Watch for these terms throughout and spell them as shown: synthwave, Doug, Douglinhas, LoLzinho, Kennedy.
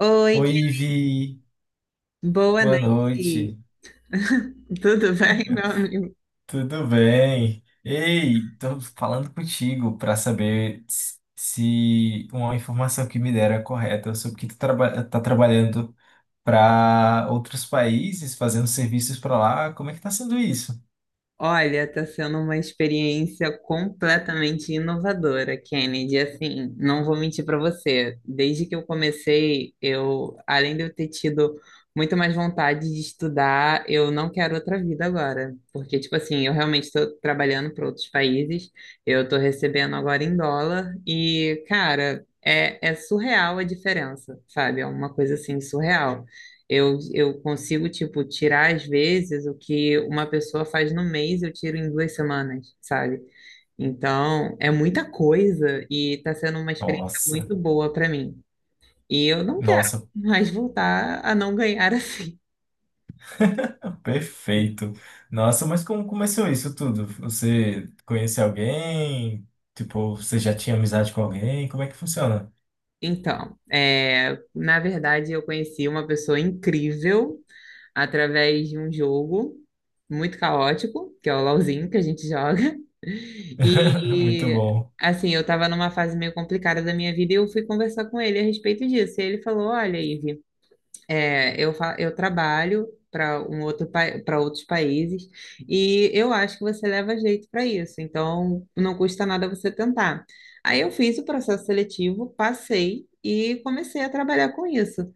Oi, Oi, Ivi. boa Boa noite. noite. Tudo bem, meu amigo? Tudo bem? Ei, tô falando contigo para saber se uma informação que me deram é correta. Eu soube que tu traba tá trabalhando para outros países, fazendo serviços para lá. Como é que tá sendo isso? Olha, está sendo uma experiência completamente inovadora, Kennedy. Assim, não vou mentir para você. Desde que eu comecei, eu, além de eu ter tido muito mais vontade de estudar, eu não quero outra vida agora, porque tipo assim, eu realmente estou trabalhando para outros países. Eu estou recebendo agora em dólar e, cara, é surreal a diferença, sabe? É uma coisa assim surreal. Eu consigo, tipo, tirar às vezes o que uma pessoa faz no mês, eu tiro em duas semanas, sabe? Então, é muita coisa e tá sendo uma experiência Nossa, muito boa para mim. E eu não quero nossa, mais voltar a não ganhar assim. perfeito. Nossa, mas como começou isso tudo? Você conhece alguém? Tipo, você já tinha amizade com alguém? Como é que funciona? Então, é, na verdade, eu conheci uma pessoa incrível através de um jogo muito caótico, que é o LoLzinho que a gente joga. Muito E bom. assim, eu tava numa fase meio complicada da minha vida e eu fui conversar com ele a respeito disso. E ele falou: Olha, Ive, eu trabalho para outros países e eu acho que você leva jeito para isso, então não custa nada você tentar. Aí eu fiz o processo seletivo, passei e comecei a trabalhar com isso.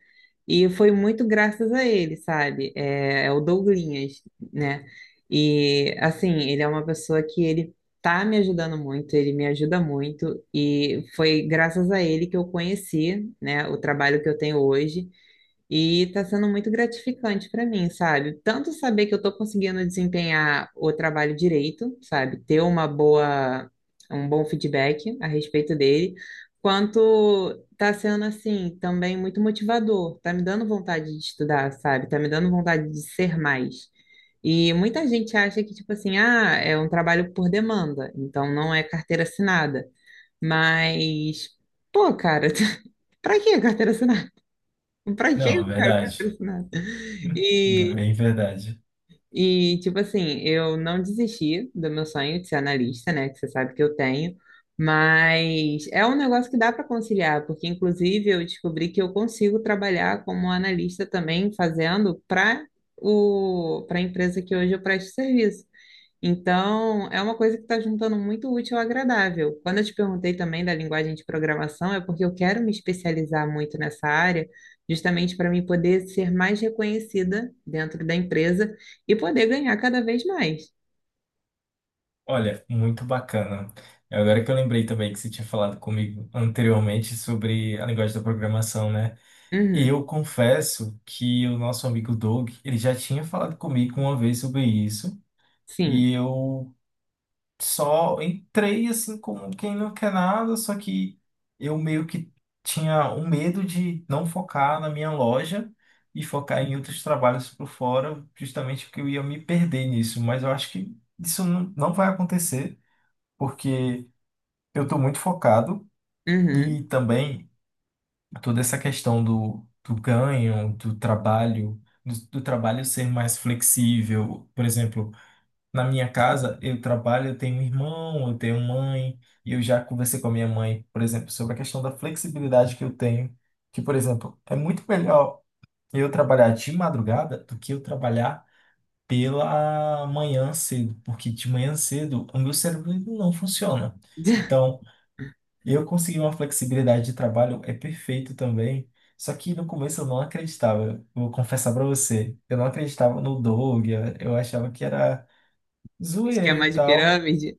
E foi muito graças a ele, sabe? É o Douglinhas, né? E assim, ele é uma pessoa que ele tá me ajudando muito, ele me ajuda muito, e foi graças a ele que eu conheci, né, o trabalho que eu tenho hoje. E tá sendo muito gratificante para mim, sabe? Tanto saber que eu tô conseguindo desempenhar o trabalho direito, sabe? Ter uma um bom feedback a respeito dele, quanto tá sendo assim também muito motivador, tá me dando vontade de estudar, sabe? Tá me dando vontade de ser mais. E muita gente acha que, tipo assim, ah, é um trabalho por demanda, então não é carteira assinada. Mas, pô, cara, pra que carteira assinada? Pra quê Não, é eu quero verdade. patrocinado? E, Bem verdade. Tipo assim, eu não desisti do meu sonho de ser analista, né? Que você sabe que eu tenho. Mas é um negócio que dá para conciliar, porque inclusive eu descobri que eu consigo trabalhar como analista também, fazendo para o para a empresa que hoje eu presto serviço. Então, é uma coisa que está juntando muito útil ao agradável. Quando eu te perguntei também da linguagem de programação, é porque eu quero me especializar muito nessa área, justamente para mim poder ser mais reconhecida dentro da empresa e poder ganhar cada vez mais. Olha, muito bacana. Agora que eu lembrei também que você tinha falado comigo anteriormente sobre a linguagem da programação, né? E Uhum, eu confesso que o nosso amigo Doug, ele já tinha falado comigo uma vez sobre isso, sim. e eu só entrei assim como quem não quer nada, só que eu meio que tinha um medo de não focar na minha loja e focar em outros trabalhos por fora, justamente porque eu ia me perder nisso, mas eu acho que isso não vai acontecer, porque eu estou muito focado Uhum. e também toda essa questão do ganho, do trabalho, do trabalho ser mais flexível, por exemplo. Na minha casa, eu trabalho, eu tenho um irmão, eu tenho mãe, e eu já conversei com a minha mãe, por exemplo, sobre a questão da flexibilidade que eu tenho. Que, por exemplo, é muito melhor eu trabalhar de madrugada do que eu trabalhar pela manhã cedo, porque de manhã cedo o meu cérebro ele não funciona. Então, eu conseguir uma flexibilidade de trabalho é perfeito também. Só que no começo eu não acreditava, eu vou confessar para você, eu não acreditava no Doug, eu achava que era zoeira Esquema e de tal. pirâmide?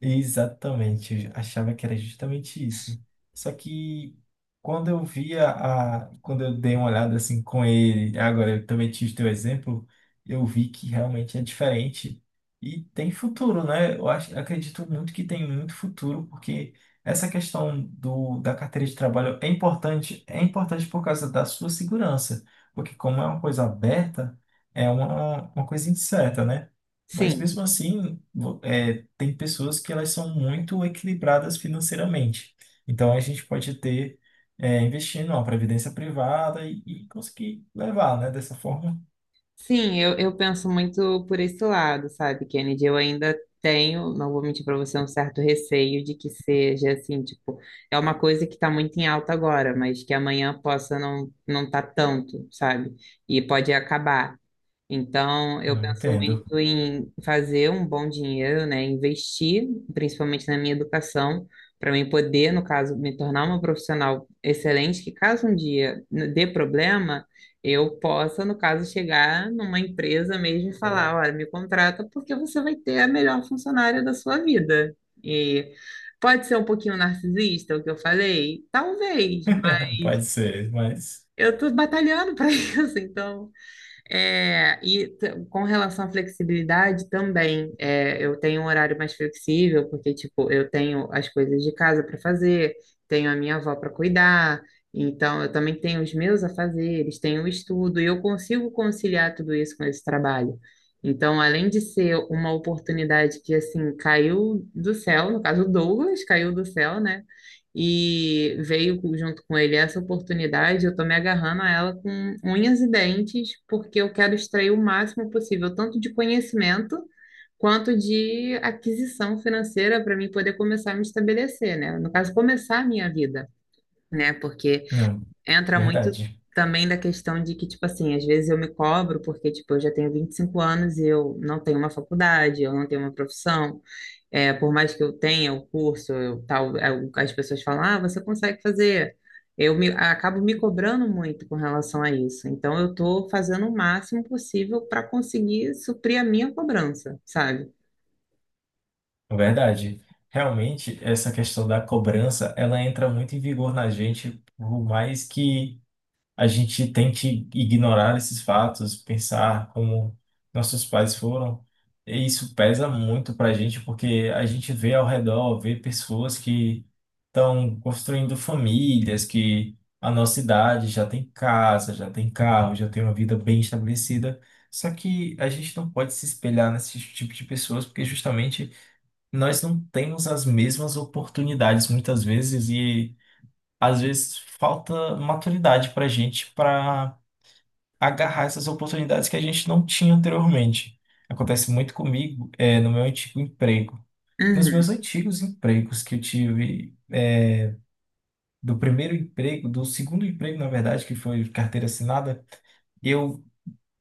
Exatamente, eu achava que era justamente isso. Só que quando eu via a, quando eu dei uma olhada assim com ele, agora eu também tive teu exemplo, eu vi que realmente é diferente e tem futuro, né? Eu acho, acredito muito que tem muito futuro, porque essa questão do, da carteira de trabalho é importante por causa da sua segurança, porque como é uma coisa aberta, é uma coisa incerta, né? Mas Sim. mesmo assim, é, tem pessoas que elas são muito equilibradas financeiramente. Então a gente pode ter, é, investir numa previdência privada e conseguir levar, né? Dessa forma. Sim, eu penso muito por esse lado, sabe, Kennedy? Eu ainda tenho, não vou mentir para você, um certo receio de que seja assim, tipo, é uma coisa que está muito em alta agora, mas que amanhã possa não tá tanto, sabe? E pode acabar. Então, eu Eu penso entendo. muito em fazer um bom dinheiro, né? Investir, principalmente na minha educação, para mim poder, no caso, me tornar uma profissional excelente, que caso um dia dê problema, eu possa, no caso, chegar numa empresa mesmo e falar, olha, me contrata porque você vai ter a melhor funcionária da sua vida. E pode ser um pouquinho narcisista o que eu falei? Talvez, mas Pode ser, mas eu estou batalhando para isso, então. Com relação à flexibilidade também, é, eu tenho um horário mais flexível, porque, tipo, eu tenho as coisas de casa para fazer, tenho a minha avó para cuidar, então eu também tenho os meus afazeres, tenho o estudo, e eu consigo conciliar tudo isso com esse trabalho. Então, além de ser uma oportunidade que, assim, caiu do céu, no caso, o Douglas caiu do céu, né? E veio junto com ele essa oportunidade, eu estou me agarrando a ela com unhas e dentes, porque eu quero extrair o máximo possível, tanto de conhecimento quanto de aquisição financeira para mim poder começar a me estabelecer, né? No caso, começar a minha vida, né? Porque não. entra muito Verdade. também da questão de que, tipo assim, às vezes eu me cobro porque, tipo, eu já tenho 25 anos e eu não tenho uma faculdade, eu não tenho uma profissão. É, por mais que eu tenha o curso, eu, tal, é, as pessoas falam, ah, você consegue fazer. Acabo me cobrando muito com relação a isso. Então, eu estou fazendo o máximo possível para conseguir suprir a minha cobrança, sabe? Verdade. Realmente, essa questão da cobrança, ela entra muito em vigor na gente, por mais que a gente tem que ignorar esses fatos, pensar como nossos pais foram. E isso pesa muito para a gente, porque a gente vê ao redor, vê pessoas que estão construindo famílias, que a nossa idade já tem casa, já tem carro, já tem uma vida bem estabelecida. Só que a gente não pode se espelhar nesse tipo de pessoas, porque justamente nós não temos as mesmas oportunidades muitas vezes, e às vezes falta maturidade para a gente para agarrar essas oportunidades que a gente não tinha anteriormente. Acontece muito comigo, é, no meu antigo emprego. Nos meus Uhum. antigos empregos que eu tive, é, do primeiro emprego, do segundo emprego, na verdade, que foi carteira assinada, eu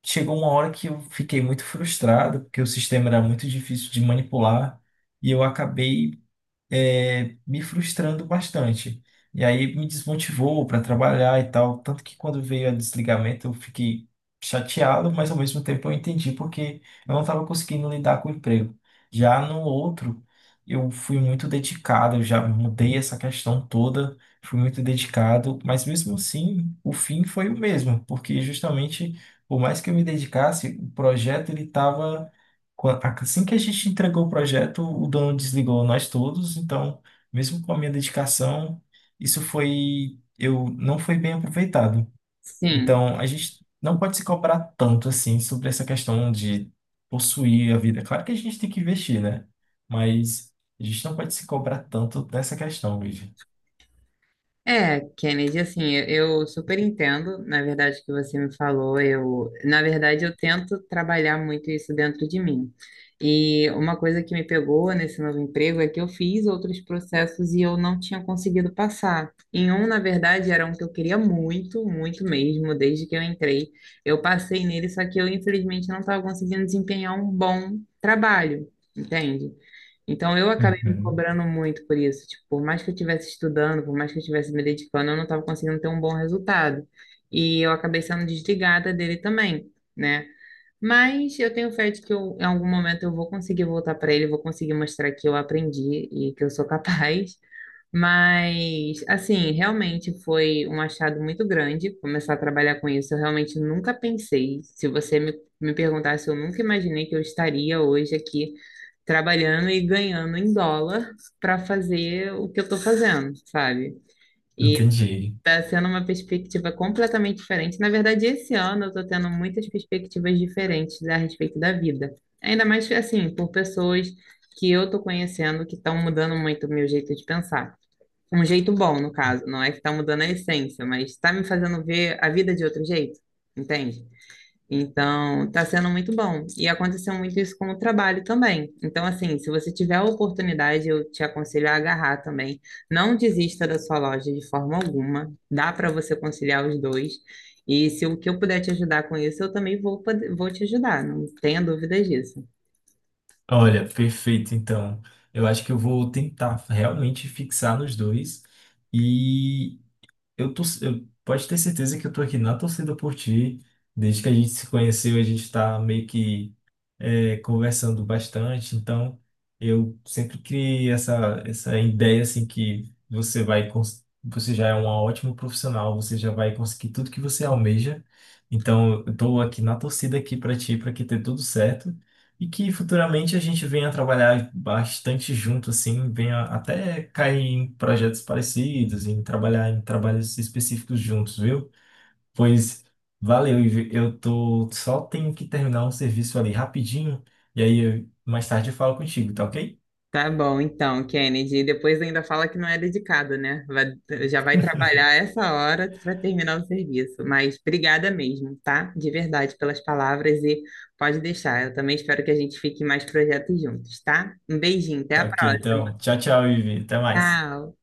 chegou uma hora que eu fiquei muito frustrado, porque o sistema era muito difícil de manipular, e eu acabei me frustrando bastante. E aí me desmotivou para trabalhar e tal. Tanto que quando veio o desligamento eu fiquei chateado, mas ao mesmo tempo eu entendi porque eu não estava conseguindo lidar com o emprego. Já no outro, eu fui muito dedicado, eu já mudei essa questão toda, fui muito dedicado, mas mesmo assim o fim foi o mesmo, porque justamente por mais que eu me dedicasse, o projeto ele estava Assim que a gente entregou o projeto, o dono desligou nós todos, então, mesmo com a minha dedicação, isso foi, eu não foi bem aproveitado. Sim. Então, a gente não pode se cobrar tanto assim sobre essa questão de possuir a vida. Claro que a gente tem que investir, né? Mas a gente não pode se cobrar tanto dessa questão, Luigi. É, Kennedy, assim, eu super entendo, na verdade, o que você me falou. Eu, na verdade, eu tento trabalhar muito isso dentro de mim. E uma coisa que me pegou nesse novo emprego é que eu fiz outros processos e eu não tinha conseguido passar. Em um, na verdade, era um que eu queria muito, muito mesmo, desde que eu entrei. Eu passei nele, só que eu, infelizmente, não estava conseguindo desempenhar um bom trabalho, entende? Então eu acabei me Uhum, cobrando muito por isso. Tipo, por mais que eu estivesse estudando, por mais que eu estivesse me dedicando, eu não estava conseguindo ter um bom resultado. E eu acabei sendo desligada dele também, né? Mas eu tenho fé de que eu, em algum momento eu vou conseguir voltar para ele, vou conseguir mostrar que eu aprendi e que eu sou capaz. Mas, assim, realmente foi um achado muito grande começar a trabalhar com isso. Eu realmente nunca pensei. Se você me, me perguntasse, eu nunca imaginei que eu estaria hoje aqui trabalhando e ganhando em dólar para fazer o que eu estou fazendo, sabe? E entendi. está sendo uma perspectiva completamente diferente. Na verdade, esse ano eu estou tendo muitas perspectivas diferentes a respeito da vida. Ainda mais, assim, por pessoas que eu estou conhecendo que estão mudando muito o meu jeito de pensar. Um jeito bom, no caso, não é que tá mudando a essência, mas tá me fazendo ver a vida de outro jeito, entende? Então, tá sendo muito bom. E aconteceu muito isso com o trabalho também. Então, assim, se você tiver a oportunidade, eu te aconselho a agarrar também. Não desista da sua loja de forma alguma. Dá para você conciliar os dois. E se o que eu puder te ajudar com isso, eu também vou te ajudar. Não tenha dúvidas disso. Olha, perfeito, então. Eu acho que eu vou tentar realmente fixar nos dois. E eu tô, eu, pode ter certeza que eu tô aqui na torcida por ti. Desde que a gente se conheceu, a gente tá meio que conversando bastante. Então, eu sempre criei essa, essa ideia assim que você vai, você já é uma ótima profissional, você já vai conseguir tudo que você almeja. Então, eu tô aqui na torcida aqui para ti, para que dê tudo certo. E que futuramente a gente venha trabalhar bastante junto, assim, venha até cair em projetos parecidos, em trabalhar em trabalhos específicos juntos, viu? Pois valeu, Ivi. Eu tô só tenho que terminar um serviço ali rapidinho, e mais tarde eu falo contigo, tá ok? Tá bom, então, Kennedy. E depois ainda fala que não é dedicado, né? Já vai trabalhar essa hora para terminar o serviço. Mas obrigada mesmo, tá? De verdade, pelas palavras e pode deixar. Eu também espero que a gente fique em mais projetos juntos, tá? Um beijinho, até a Tá ok, próxima. então. Tchau, tchau, Ivi. Até mais. Tchau.